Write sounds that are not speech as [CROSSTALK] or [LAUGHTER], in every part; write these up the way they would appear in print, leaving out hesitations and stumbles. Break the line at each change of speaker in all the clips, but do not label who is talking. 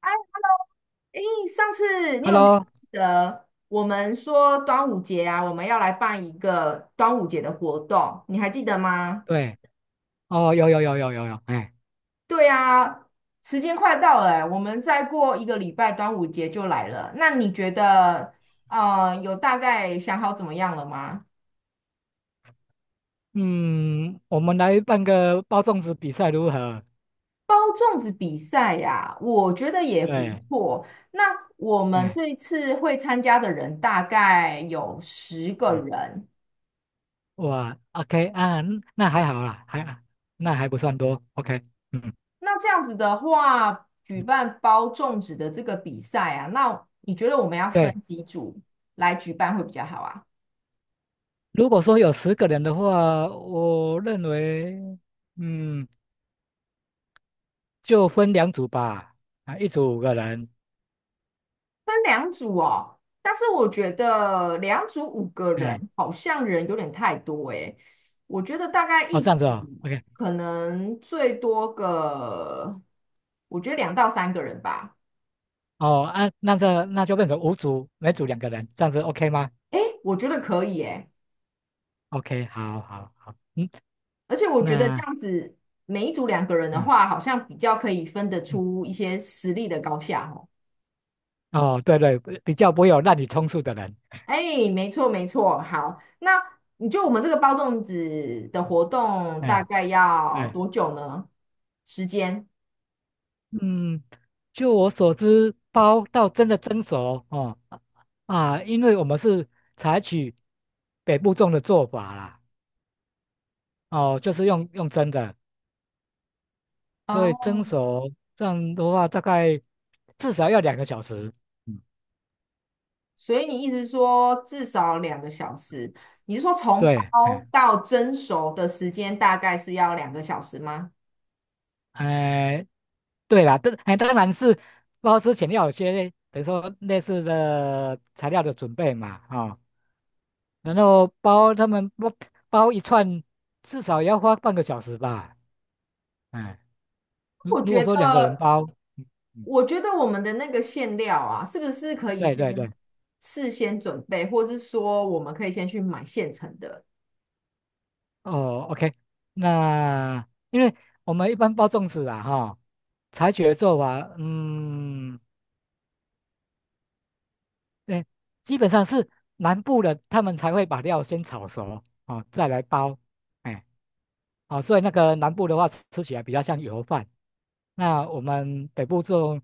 哎，诶，上次你有没有记
Hello，
得我们说端午节啊，我们要来办一个端午节的活动，你还记得吗？
对，哦，有有有有有有，哎，
对啊，时间快到了欸，我们再过一个礼拜端午节就来了。那你觉得，有大概想好怎么样了吗？
嗯，我们来办个包粽子比赛如何？
包粽子比赛呀，我觉得也不
对，
错。那我们
哎，
这一次会参加的人大概有十个
哎，
人。
哇，OK 啊，嗯那还好啦，那还不算多，OK，嗯，
那这样子的话，举办包粽子的这个比赛啊，那你觉得我们要分
对，
几组来举办会比较好啊？
如果说有十个人的话，我认为，嗯，就分两组吧，啊，一组五个人，
分两组哦，但是我觉得两组五个
哎，
人好像人有点太多诶，我觉得大概
哦，
一
这样子
组
哦，OK，
可能最多个，我觉得2到3个人吧。
哦，啊，那就变成五组，每组两个人，这样子 OK 吗
诶，我觉得可以诶，
？OK，好好好，嗯，
而且我觉得这
那。
样子每一组2个人的
嗯。
话，好像比较可以分得
嗯，
出一些实力的高下哦。
哦，对对，比较不会有滥竽充数的人，
哎，没错没错，好，那你就我们这个包粽子的活动大
哎，
概要
对，
多久呢？时间？
嗯，就我所知，包到真的蒸熟哦啊，因为我们是采取北部粽的做法啦，哦，就是用蒸的，所以
哦，
蒸熟这样的话，大概至少要两个小时。嗯，
所以你意思说至少两个小时？你是说从
对，
包
哎，
到蒸熟的时间大概是要两个小时吗？
哎，对啦，这哎当然是包之前要有些等于说类似的材料的准备嘛，啊、然后他们包一串，至少也要花半个小时吧。哎，如
我
如果
觉
说两个人
得，
包，嗯嗯，
我觉得我们的那个馅料啊，是不是可以
对对对，
先事先准备，或是说我们可以先去买现成的？
哦，OK，那因为我们一般包粽子啊，哈，采取的做法，嗯，对，基本上是南部的他们才会把料先炒熟，哦，再来包，哎，啊，所以那个南部的话吃起来比较像油饭，那我们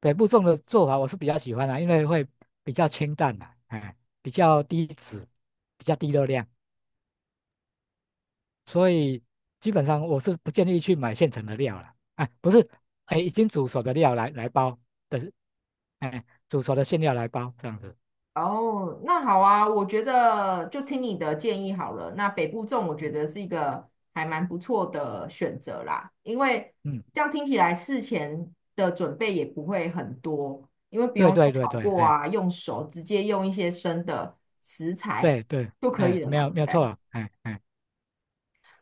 北部种的做法我是比较喜欢的、因为会比较清淡的、哎，比较低脂，比较低热量，所以基本上我是不建议去买现成的料了，哎，不是，哎，已经煮熟的料来包的，哎，煮熟的馅料来包这样子，
哦，那好啊，我觉得就听你的建议好了。那北部粽我觉
嗯，
得是一个还蛮不错的选择啦，因为
嗯
这样听起来事前的准备也不会很多，因为不
对
用再
对对
炒
对，
过
哎，
啊，用手直接用一些生的食材
对对，
就可以
哎，
了
没
嘛，
有
对
没
不
有
对？
错，哎哎，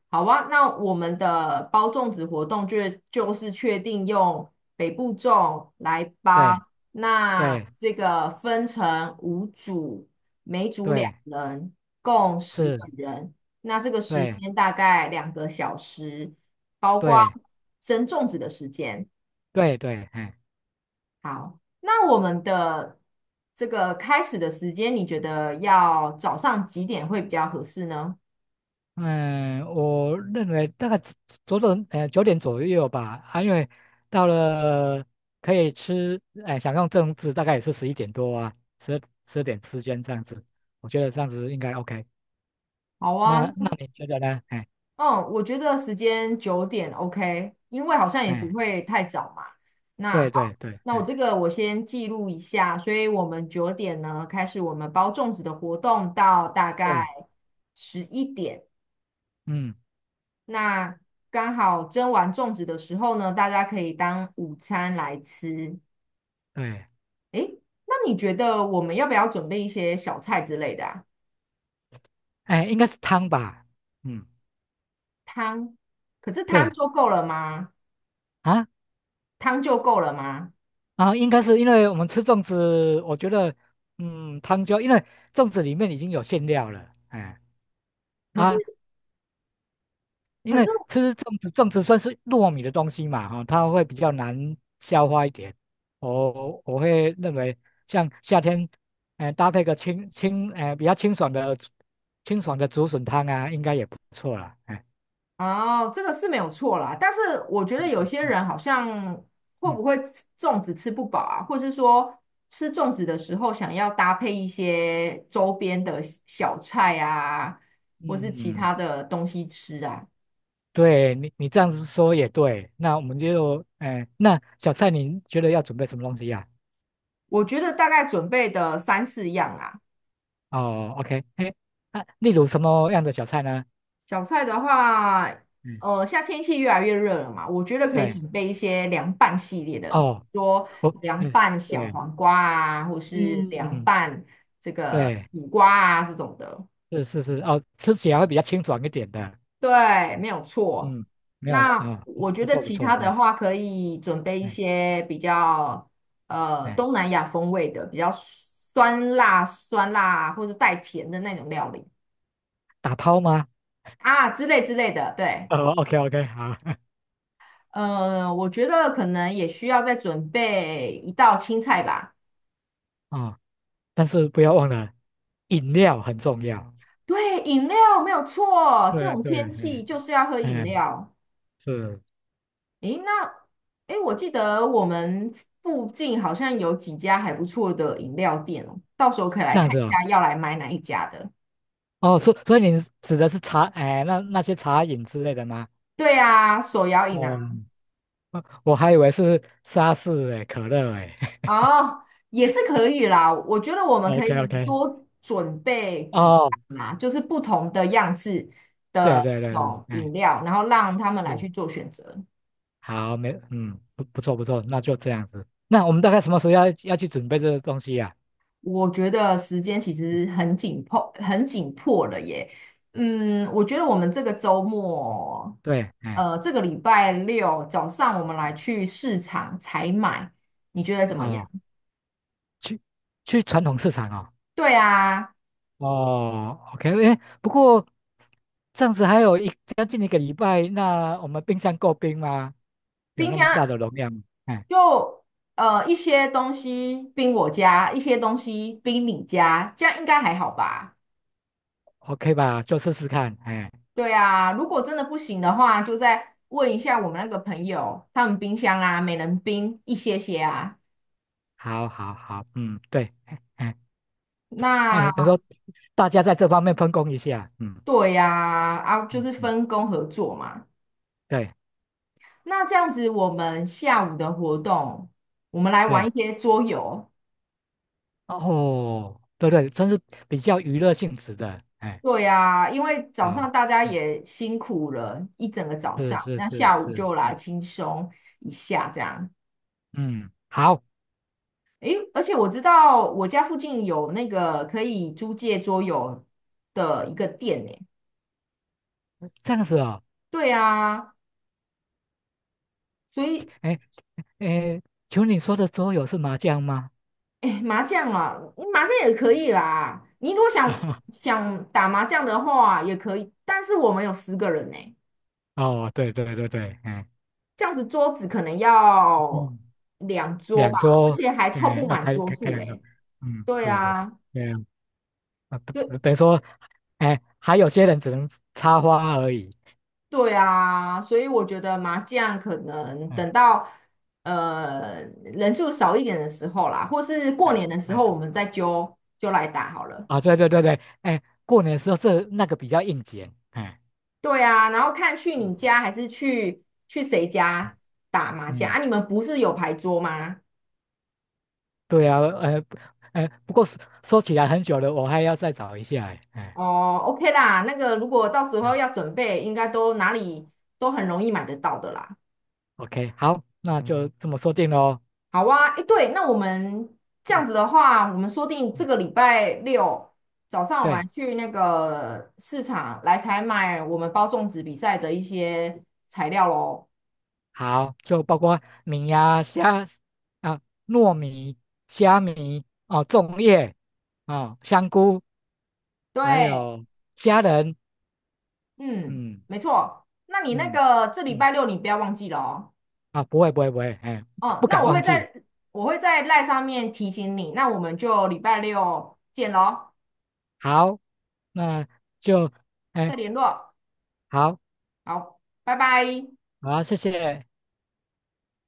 好啊，那我们的包粽子活动就是确定用北部粽来包，
对
那
对
这个分成5组，每组两
对，
人，共十
是，
个人。那这个时
对。
间大概两个小时，包括
对
蒸粽子的时间。
对对，哎，
好，那我们的这个开始的时间，你觉得要早上几点会比较合适呢？
嗯，我认为大概左左呃九点左右吧，啊，因为到了可以吃，哎，享用正治大概也是十一点多啊，十点之间这样子，我觉得这样子应该 OK。
好啊，
那你觉得呢？哎
嗯，我觉得时间九点 OK，因为好像也不
哎，
会太早嘛。那
对对对，
那我
哎
这个我先记录一下，所以我们九点呢开始我们包粽子的活动到大概
对，
11点。
嗯
那刚好蒸完粽子的时候呢，大家可以当午餐来吃。
对，
诶，那你觉得我们要不要准备一些小菜之类的啊？
哎，应该是汤吧，嗯
汤，可是汤
对
就够了吗？
啊
汤就够了吗？
啊，应该是因为我们吃粽子，我觉得嗯汤就因为粽子里面已经有馅料了，哎。
可是
啊，因
可是。
为吃粽子，粽子算是糯米的东西嘛，哈、它会比较难消化一点。我会认为，像夏天，搭配个清清，呃，比较清爽的竹笋汤啊，应该也不错啦。哎，
哦，这个是没有错啦，但是我觉得
嗯
有些
嗯
人好像会
嗯
不会吃粽子吃不饱啊，或是说吃粽子的时候想要搭配一些周边的小菜啊，或是
嗯
其
嗯，
他的东西吃啊，
对你这样子说也对。那我们就，哎、那小菜你觉得要准备什么东西呀、
我觉得大概准备的3、4样啊，
哦，OK，哎，那例如什么样的小菜呢？
小菜的话，
嗯，
现在天气越来越热了嘛，我觉得可以
对，
准备一些凉拌系列的，
哦，
说
我，
凉
嗯。
拌小
对。
黄瓜啊，或是凉
嗯，
拌这个
对，
苦瓜啊这种的。
是是是，哦，吃起来会比较清爽一点的。
对，没有错。
嗯，没有
那
啊，不
我觉
不
得
错不
其
错，
他的
哎
话，可以准备一
哎
些比较
哎，
东南亚风味的，比较酸辣、酸辣或是带甜的那种料理
打抛吗？
啊之类之类的。对，
哦，OK OK，好，
我觉得可能也需要再准备一道青菜吧。
[LAUGHS] 啊，但是不要忘了，饮料很重要。
对，饮料没有错，这
对
种
对
天气
对，
就是要喝饮
哎，
料。
是
诶，那诶，我记得我们附近好像有几家还不错的饮料店哦，到时候可以来
这样
看
子
一
哦。
下要来买哪一家的。
哦，所以你指的是茶，哎，那些茶饮之类的吗？
对啊，手摇饮
哦，
啊。
我还以为是沙士哎，可乐哎。
哦，也是可以啦。我觉得我
[LAUGHS]
们可
OK
以
OK，
多准备几
哦，
样啦，就是不同的样式
对
的
对
这
对对，
种
哎。
饮料，然后让他们来
是。
去做选择。
好，没，嗯，不错不错，那就这样子。那我们大概什么时候要去准备这个东西呀、
我觉得时间其实很紧迫，很紧迫了耶。嗯，我觉得我们这个周末，
对，哎，
这个礼拜六早上我们来去市场采买，你觉得怎么样？
哦，去去传统市场哦。
对啊，
哦，OK，哎，不过这样子还有将近一个礼拜，那我们冰箱够冰吗？有
冰
那么
箱。
大的容量吗哎
就一些东西冰我家，一些东西冰你家，这样应该还好吧？
，OK 吧，就试试看。哎，
对啊，如果真的不行的话，就再问一下我们那个朋友，他们冰箱啊，每人冰一些些啊。
好好好，嗯，对，哎哎，哎等于
那
说大家在这方面分工一下，嗯
对呀，啊，就
嗯
是
嗯，
分工合作嘛。
对
那这样子，我们下午的活动，我们来玩一
对。
些桌游。
哦，对对，算是比较娱乐性质的，哎，
对呀，因为早
嗯
上大家
嗯，
也辛苦了一整个早
是
上，
是
那
是
下午
是，
就来
嗯
轻松一下这样。
嗯，好，
诶，而且我知道我家附近有那个可以租借桌游的一个店呢。
这样子哦，
对啊，所以
哎哎，请问你说的桌游是麻将吗？
诶，麻将啊，嗯麻将也可以啦。你如果想
[LAUGHS]
想打麻将的话也可以，但是我们有十个人呢，
哦，对对对对，哎
这样子桌子可能
[LAUGHS]，
要
嗯，
2桌
两
吧，而
桌，
且还凑
哎，
不
要
满
开
桌
开开
数
两个，
嘞。
嗯，
对
是，
啊，
对啊，啊
对。
于说，哎，还有些人只能插花而已，
对啊，所以我觉得麻将可能
嗯，
等到人数少一点的时候啦，或是
这
过
样
年的时
哎，
候，我们再揪揪来打好了。
啊，对对对对，哎，过年的时候这那个比较应景，哎，
对啊，然后看去你
嗯
家还是去谁家打麻将
嗯。
啊？你们不是有牌桌吗？
对啊，不过说起来很久了，我还要再找一下欸，哎，
哦，OK 啦，那个如果到时
嗯
候要准备，应该都哪里都很容易买得到的啦。
，OK，好，那就嗯这么说定喽。
好啊，诶，对，那我们这
嗯
样子的话，我们说定这
嗯，
个礼拜六早上，我们来
对，
去那个市场来采买我们包粽子比赛的一些材料喽。
好，就包括米呀、虾啊、糯米、虾米哦、粽叶哦、香菇，还
对，
有虾仁，
嗯，
嗯
没错。那你那
嗯
个这礼
嗯，
拜六你不要忘记了哦。
啊，不会不会不会，哎，不
哦，
不
那
敢忘记。
我会在赖上面提醒你，那我们就礼拜六见喽，
好，那就哎
再联络。
好，
好，拜拜。
好，谢谢。